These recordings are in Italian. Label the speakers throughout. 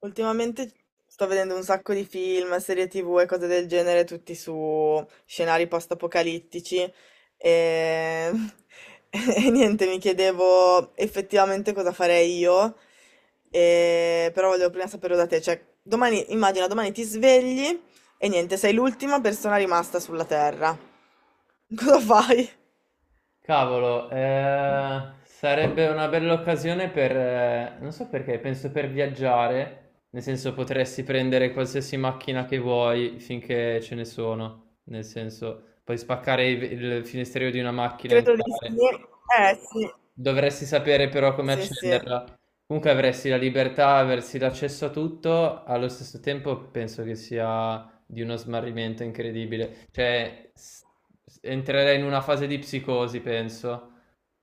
Speaker 1: Ultimamente sto vedendo un sacco di film, serie TV e cose del genere, tutti su scenari post-apocalittici e... e niente, mi chiedevo effettivamente cosa farei io, e... però volevo prima sapere da te, cioè domani, immagina domani ti svegli e niente, sei l'ultima persona rimasta sulla Terra. Cosa fai?
Speaker 2: Cavolo, sarebbe una bella occasione per, non so perché, penso per viaggiare, nel senso potresti prendere qualsiasi macchina che vuoi finché ce ne sono, nel senso puoi spaccare il finestrino di una macchina e
Speaker 1: Credo di sì.
Speaker 2: entrare.
Speaker 1: Eh sì,
Speaker 2: Dovresti sapere però come
Speaker 1: sì sì.
Speaker 2: accenderla. Comunque avresti la libertà, avresti l'accesso a tutto, allo stesso tempo penso che sia di uno smarrimento incredibile. Cioè, entrerei in una fase di psicosi, penso.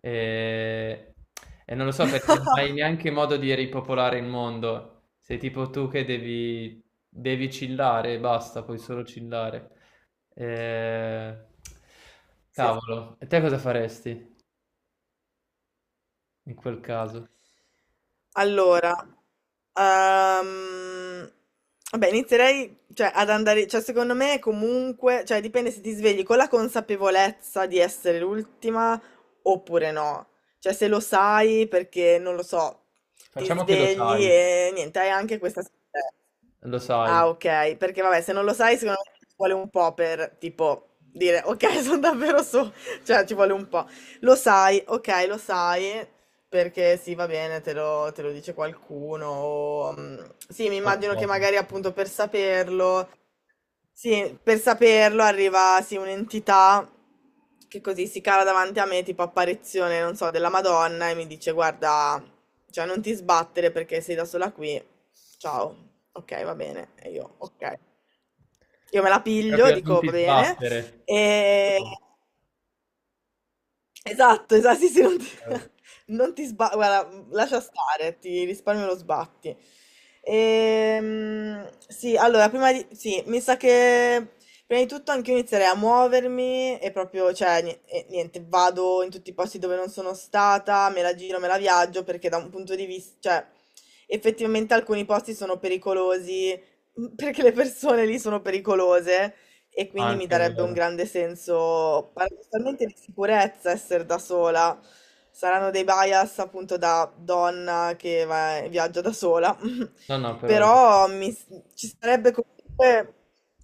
Speaker 2: E, e non lo so perché non hai neanche modo di ripopolare il mondo. Sei tipo tu che devi, devi chillare e basta, puoi solo chillare. Eh,
Speaker 1: Sì.
Speaker 2: Cavolo, e te cosa faresti in quel caso?
Speaker 1: Allora, ehm, vabbè, inizierei, cioè, ad andare, cioè, secondo me comunque, cioè, dipende se ti svegli con la consapevolezza di essere l'ultima oppure no. Cioè, se lo sai perché, non lo so, ti
Speaker 2: Facciamo che
Speaker 1: svegli e niente, hai anche questa...
Speaker 2: lo sai
Speaker 1: Ah, ok, perché vabbè, se non lo sai, secondo me ci vuole un po' per tipo dire ok, sono davvero su, cioè ci vuole un po'. Lo sai, ok, lo sai, perché sì, va bene, te lo dice qualcuno. O, sì, mi immagino che
Speaker 2: qualcosa.
Speaker 1: magari appunto per saperlo sì, per saperlo arriva sì, un'entità che così si cala davanti a me, tipo apparizione, non so, della Madonna e mi dice guarda, cioè non ti sbattere perché sei da sola qui. Ciao. Ok, va bene. E io, ok. Io me la piglio,
Speaker 2: Proprio non
Speaker 1: dico
Speaker 2: ti
Speaker 1: va bene.
Speaker 2: sbattere.
Speaker 1: E esatto, esa sì, sì, non ti,
Speaker 2: Eh,
Speaker 1: non ti sba- guarda, lascia stare, ti risparmio lo sbatti. Sì, allora, prima di, sì, mi sa che prima di tutto anche io inizierei a muovermi e proprio, cioè, ni- e niente, vado in tutti i posti dove non sono stata, me la giro, me la viaggio, perché da un punto di vista, cioè, effettivamente alcuni posti sono pericolosi, perché le persone lì sono pericolose e quindi mi
Speaker 2: Anche è
Speaker 1: darebbe un
Speaker 2: vero.
Speaker 1: grande senso paradossalmente di sicurezza essere da sola. Saranno dei bias appunto da donna che va- viaggia da sola,
Speaker 2: No, no, però è
Speaker 1: però mi- ci sarebbe comunque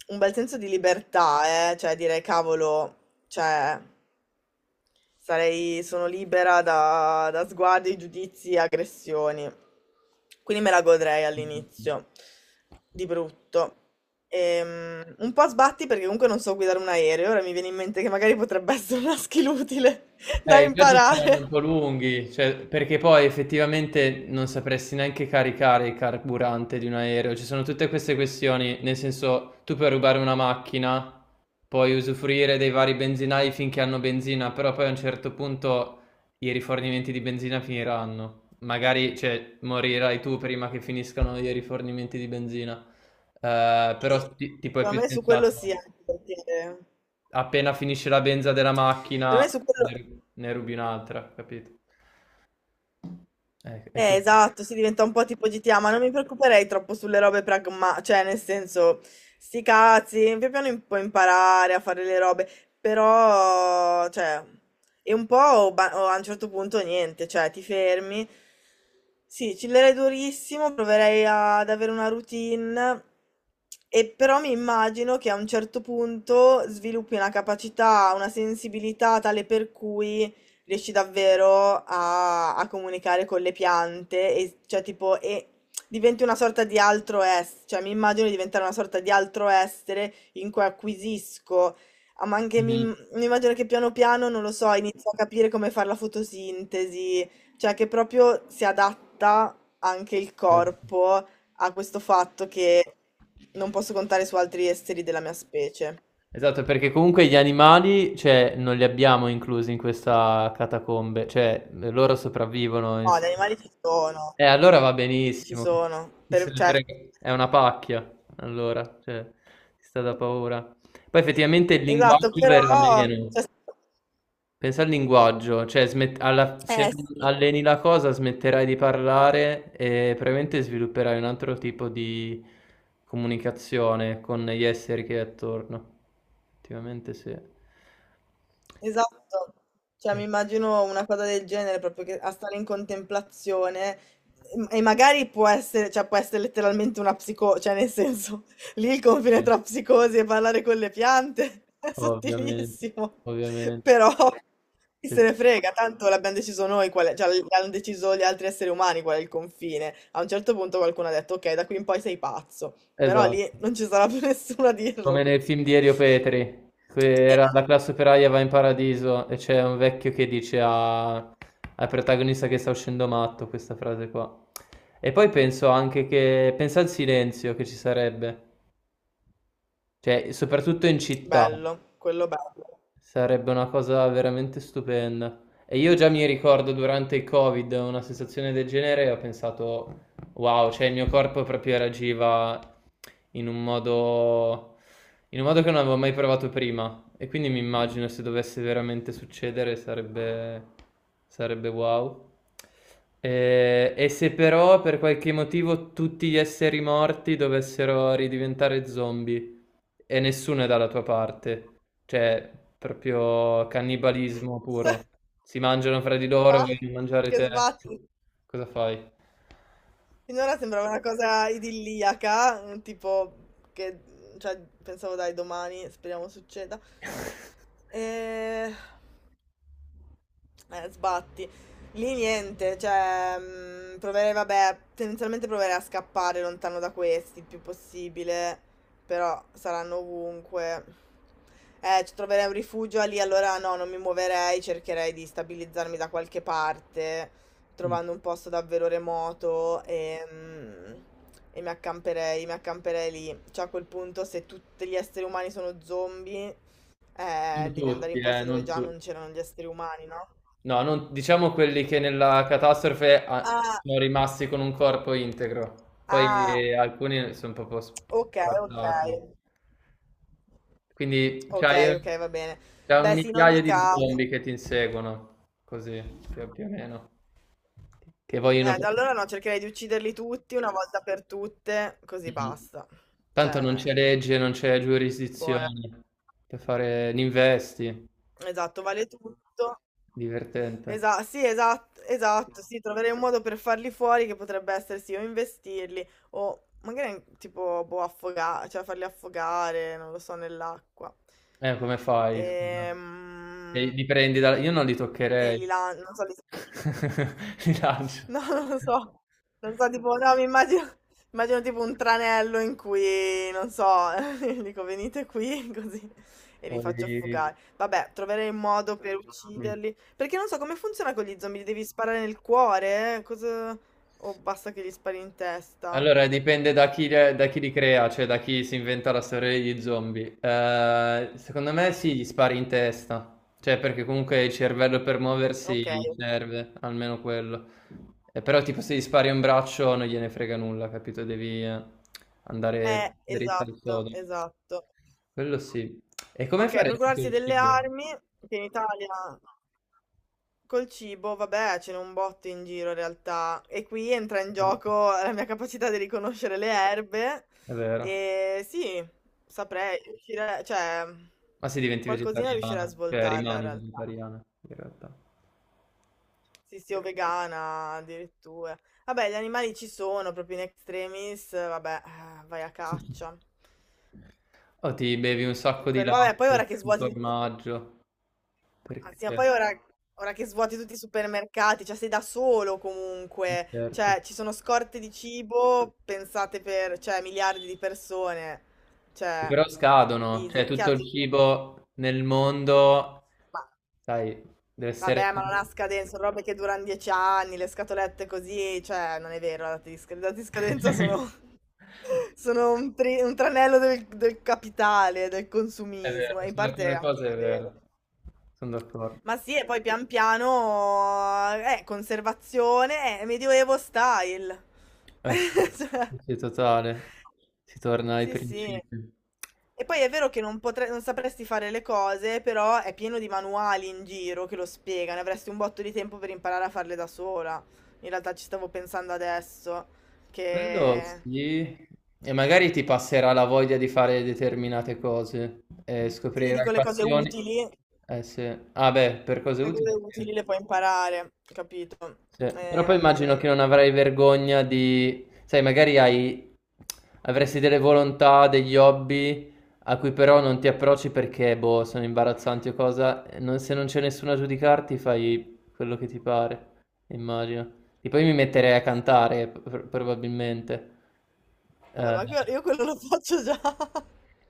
Speaker 1: un bel senso di libertà, eh? Cioè dire cavolo, cioè... Sarei, sono libera da, da sguardi, giudizi e aggressioni. Quindi me la godrei
Speaker 2: vero.
Speaker 1: all'inizio, di brutto. Un po' a sbatti perché comunque non so guidare un aereo, ora mi viene in mente che magari potrebbe essere una skill utile da
Speaker 2: I viaggi saranno un
Speaker 1: imparare.
Speaker 2: po' lunghi, cioè, perché poi effettivamente non sapresti neanche caricare il carburante di un aereo. Ci sono tutte queste questioni, nel senso, tu puoi rubare una macchina, puoi usufruire dei vari benzinai finché hanno benzina, però poi a un certo punto i rifornimenti di benzina finiranno. Magari, cioè, morirai tu prima che finiscano i rifornimenti di benzina.
Speaker 1: Sì,
Speaker 2: Però tipo è
Speaker 1: secondo
Speaker 2: più
Speaker 1: me su quello sì,
Speaker 2: sensato
Speaker 1: anche perché
Speaker 2: appena finisce la benza della
Speaker 1: per
Speaker 2: macchina
Speaker 1: me su quello...
Speaker 2: ne rubi un'altra, capito? È così.
Speaker 1: Esatto, si diventa un po' tipo GTA, ma non mi preoccuperei troppo sulle robe pragma, cioè nel senso, sti cazzi, pian piano im- puoi imparare a fare le robe, però, cioè, è un po' o ba- o a un certo punto niente, cioè ti fermi, sì, chillerei durissimo, proverei ad avere una routine, e però mi immagino che a un certo punto sviluppi una capacità, una sensibilità tale per cui riesci davvero a, a comunicare con le piante e cioè tipo e diventi una sorta di altro essere, cioè mi immagino di diventare una sorta di altro essere in cui acquisisco, ah, ma anche mi,
Speaker 2: Mhm.
Speaker 1: mi immagino che piano piano, non lo so, inizio a capire come fare la fotosintesi, cioè che proprio si adatta anche il
Speaker 2: Certo.
Speaker 1: corpo a questo fatto che non posso contare su altri esseri della mia specie.
Speaker 2: Esatto, perché comunque gli animali, cioè, non li abbiamo inclusi in questa catacombe, cioè, loro sopravvivono,
Speaker 1: No, gli
Speaker 2: insomma.
Speaker 1: animali ci sono.
Speaker 2: Allora va
Speaker 1: Sì, ci
Speaker 2: benissimo.
Speaker 1: sono.
Speaker 2: Chi se
Speaker 1: Per-
Speaker 2: ne
Speaker 1: cioè,
Speaker 2: frega? È una pacchia, allora, cioè, si sta da paura. Poi effettivamente il
Speaker 1: esatto,
Speaker 2: linguaggio verrà
Speaker 1: però
Speaker 2: meno.
Speaker 1: cioè,
Speaker 2: Pensa al linguaggio, cioè se
Speaker 1: sì.
Speaker 2: alleni la cosa smetterai di parlare e probabilmente svilupperai un altro tipo di comunicazione con gli esseri che hai attorno. Effettivamente sì.
Speaker 1: Esatto, cioè
Speaker 2: Eh,
Speaker 1: mi immagino una cosa del genere, proprio che a stare in contemplazione e magari può essere, cioè può essere letteralmente una psico, cioè nel senso, lì il confine tra psicosi e parlare con le piante è
Speaker 2: ovviamente,
Speaker 1: sottilissimo,
Speaker 2: ovviamente.
Speaker 1: però chi
Speaker 2: Sì,
Speaker 1: se
Speaker 2: sì.
Speaker 1: ne frega, tanto l'abbiamo deciso noi, qual è- cioè l'hanno deciso gli altri esseri umani qual è il confine. A un certo punto qualcuno ha detto ok, da qui in poi sei pazzo, però
Speaker 2: Esatto.
Speaker 1: lì non ci sarà più nessuno a
Speaker 2: Come
Speaker 1: dirlo. Quindi-
Speaker 2: nel film di Elio Petri, che
Speaker 1: e-
Speaker 2: era La classe operaia va in paradiso e c'è un vecchio che dice al protagonista che sta uscendo matto questa frase qua. E poi penso anche che, pensa al silenzio che ci sarebbe, cioè soprattutto in città,
Speaker 1: bello, quello bello.
Speaker 2: sarebbe una cosa veramente stupenda. E io già mi ricordo durante il Covid una sensazione del genere e ho pensato, wow, cioè il mio corpo proprio reagiva in un modo, in un modo che non avevo mai provato prima. E quindi mi immagino se dovesse veramente succedere sarebbe, sarebbe wow. Se però per qualche motivo tutti gli esseri morti dovessero ridiventare zombie e nessuno è dalla tua parte, cioè proprio cannibalismo puro. Si mangiano fra di loro,
Speaker 1: Va,
Speaker 2: vogliono mangiare
Speaker 1: che
Speaker 2: te.
Speaker 1: sbatti.
Speaker 2: Cosa fai?
Speaker 1: Finora sembrava una cosa idilliaca, tipo che, cioè, pensavo dai domani, speriamo succeda. Eh, Eh, sbatti. Lì niente, cioè, proverei, vabbè, tendenzialmente proverei a scappare lontano da questi il più possibile, però saranno ovunque. Ci troverei un rifugio lì, allora no, non mi muoverei, cercherei di stabilizzarmi da qualche parte,
Speaker 2: Mm.
Speaker 1: trovando un posto davvero remoto e mi accamperei lì. Cioè, a quel punto, se tutti gli esseri umani sono zombie,
Speaker 2: Non
Speaker 1: devi andare
Speaker 2: tutti,
Speaker 1: in posti dove
Speaker 2: non
Speaker 1: già non
Speaker 2: tutti.
Speaker 1: c'erano gli esseri umani, no?
Speaker 2: No, non, diciamo quelli che nella catastrofe ah,
Speaker 1: Ah,
Speaker 2: sono rimasti con un corpo integro, poi
Speaker 1: ah,
Speaker 2: alcuni sono proprio
Speaker 1: ok, ok,
Speaker 2: spartati. Quindi
Speaker 1: ok, ok, va bene.
Speaker 2: c'hai un
Speaker 1: Beh, sì, in
Speaker 2: migliaio
Speaker 1: ogni
Speaker 2: di
Speaker 1: caso.
Speaker 2: zombie che ti inseguono, così più, più o meno, che vogliono...
Speaker 1: Da allora no, cercherei di ucciderli tutti una volta per tutte, così
Speaker 2: Mhm.
Speaker 1: basta.
Speaker 2: Tanto non
Speaker 1: Cioè,
Speaker 2: c'è legge, non c'è
Speaker 1: buona.
Speaker 2: giurisdizione per fare l'investi,
Speaker 1: Esatto, vale tutto.
Speaker 2: divertente.
Speaker 1: Esatto, sì, esatto, esatto, sì, troverei un modo per farli fuori che potrebbe essere sì, o investirli, o magari tipo, boh, affogare, cioè farli affogare, non lo so, nell'acqua.
Speaker 2: Come fai scusa? E
Speaker 1: Ehm...
Speaker 2: li prendi da io non li
Speaker 1: e
Speaker 2: toccherei.
Speaker 1: li lan- non so, li...
Speaker 2: Li lancio.
Speaker 1: No, non lo so, non so, tipo, no, mi immagino, immagino tipo un tranello in cui, non so, dico venite qui, così, e li
Speaker 2: Poi
Speaker 1: faccio affogare. Vabbè, troverei un modo per
Speaker 2: mh.
Speaker 1: ucciderli, perché non so come funziona con gli zombie, li devi sparare nel cuore, cosa... o basta che gli spari in testa?
Speaker 2: Allora, dipende da chi li crea, cioè da chi si inventa la storia degli zombie. Secondo me sì, gli spari in testa, cioè perché comunque il cervello per muoversi
Speaker 1: Ok,
Speaker 2: gli
Speaker 1: ok.
Speaker 2: serve, almeno quello. Però tipo se gli spari un braccio non gliene frega nulla, capito? Devi andare dritto al
Speaker 1: Esatto,
Speaker 2: sodo.
Speaker 1: esatto.
Speaker 2: Quello sì. E come
Speaker 1: Ok,
Speaker 2: faresti con
Speaker 1: procurarsi
Speaker 2: il
Speaker 1: delle
Speaker 2: cibo?
Speaker 1: armi, che in Italia... Col cibo, vabbè, ce n'è un botto in giro in realtà e qui entra in
Speaker 2: È
Speaker 1: gioco la mia capacità di riconoscere le erbe
Speaker 2: vero.
Speaker 1: e sì, saprei, riuscire- cioè
Speaker 2: Ma se diventi
Speaker 1: qualcosina riuscirei a
Speaker 2: vegetariana, cioè
Speaker 1: svoltarla in
Speaker 2: rimani
Speaker 1: realtà.
Speaker 2: vegetariana in realtà.
Speaker 1: Sì, sì, o vegana addirittura. Vabbè, gli animali ci sono proprio in extremis, vabbè, vai a caccia.
Speaker 2: O ti bevi un sacco di
Speaker 1: Quello, vabbè, poi
Speaker 2: latte,
Speaker 1: ora che
Speaker 2: di
Speaker 1: svuoti...
Speaker 2: formaggio, perché
Speaker 1: Anzi, ma poi ora, ora che svuoti tutti i supermercati, cioè sei da solo comunque,
Speaker 2: certo.
Speaker 1: cioè ci sono scorte di cibo pensate per, cioè, miliardi di persone,
Speaker 2: Che
Speaker 1: cioè,
Speaker 2: però scadono, cioè
Speaker 1: easy.
Speaker 2: tutto
Speaker 1: Chiaro, ti...
Speaker 2: il cibo nel mondo,
Speaker 1: ma
Speaker 2: sai, deve essere...
Speaker 1: vabbè, ma non ha scadenza, sono robe che durano 10 anni, le scatolette così, cioè, non è vero, la data di, sc- le date di scadenza sono, sono un, tri- un tranello del, del capitale, del
Speaker 2: È
Speaker 1: consumismo,
Speaker 2: vero,
Speaker 1: e in
Speaker 2: su
Speaker 1: parte è
Speaker 2: alcune
Speaker 1: anche
Speaker 2: cose è vero,
Speaker 1: vero.
Speaker 2: sono d'accordo.
Speaker 1: Ma sì, e poi pian piano, conservazione, medioevo style.
Speaker 2: Eh sì,
Speaker 1: Cioè.
Speaker 2: sì, sì, totale, si torna ai
Speaker 1: Sì, sì.
Speaker 2: principi.
Speaker 1: E poi è vero che non potre- non sapresti fare le cose, però è pieno di manuali in giro che lo spiegano, avresti un botto di tempo per imparare a farle da sola. In realtà ci stavo pensando adesso,
Speaker 2: Quello
Speaker 1: che
Speaker 2: sì, e magari ti passerà la voglia di fare determinate cose e
Speaker 1: sì,
Speaker 2: scoprirai
Speaker 1: dico le cose
Speaker 2: passioni.
Speaker 1: utili,
Speaker 2: Eh sì, ah beh, per cose
Speaker 1: le cose
Speaker 2: utili
Speaker 1: utili
Speaker 2: sì.
Speaker 1: le puoi imparare, capito?
Speaker 2: Sì, però poi immagino
Speaker 1: Ehm,
Speaker 2: che non avrai vergogna di... Sai, magari hai... avresti delle volontà, degli hobby a cui però non ti approcci perché, boh, sono imbarazzanti o cosa. E se non c'è nessuno a giudicarti, fai quello che ti pare, immagino. E poi mi metterei a cantare, probabilmente.
Speaker 1: Vabbè,
Speaker 2: Eh,
Speaker 1: ma que- io quello lo faccio già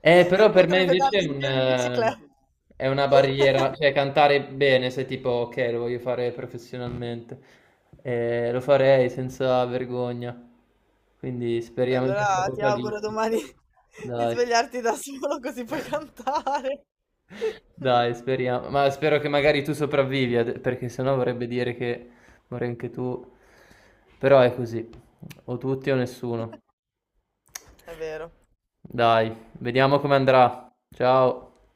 Speaker 2: però per me
Speaker 1: mentre pedali
Speaker 2: invece è
Speaker 1: in
Speaker 2: un,
Speaker 1: giro in bicicletta.
Speaker 2: è una barriera, cioè cantare bene, se tipo, ok, lo voglio fare professionalmente, eh, lo farei senza vergogna, quindi
Speaker 1: Beh,
Speaker 2: speriamo in
Speaker 1: allora
Speaker 2: questa
Speaker 1: ti auguro
Speaker 2: apocalisse,
Speaker 1: domani di
Speaker 2: dai,
Speaker 1: svegliarti da solo così puoi cantare.
Speaker 2: dai, speriamo, ma spero che magari tu sopravvivi, perché sennò vorrebbe dire che muori anche tu, però è così, o tutti o nessuno,
Speaker 1: È vero.
Speaker 2: dai, vediamo come andrà, ciao.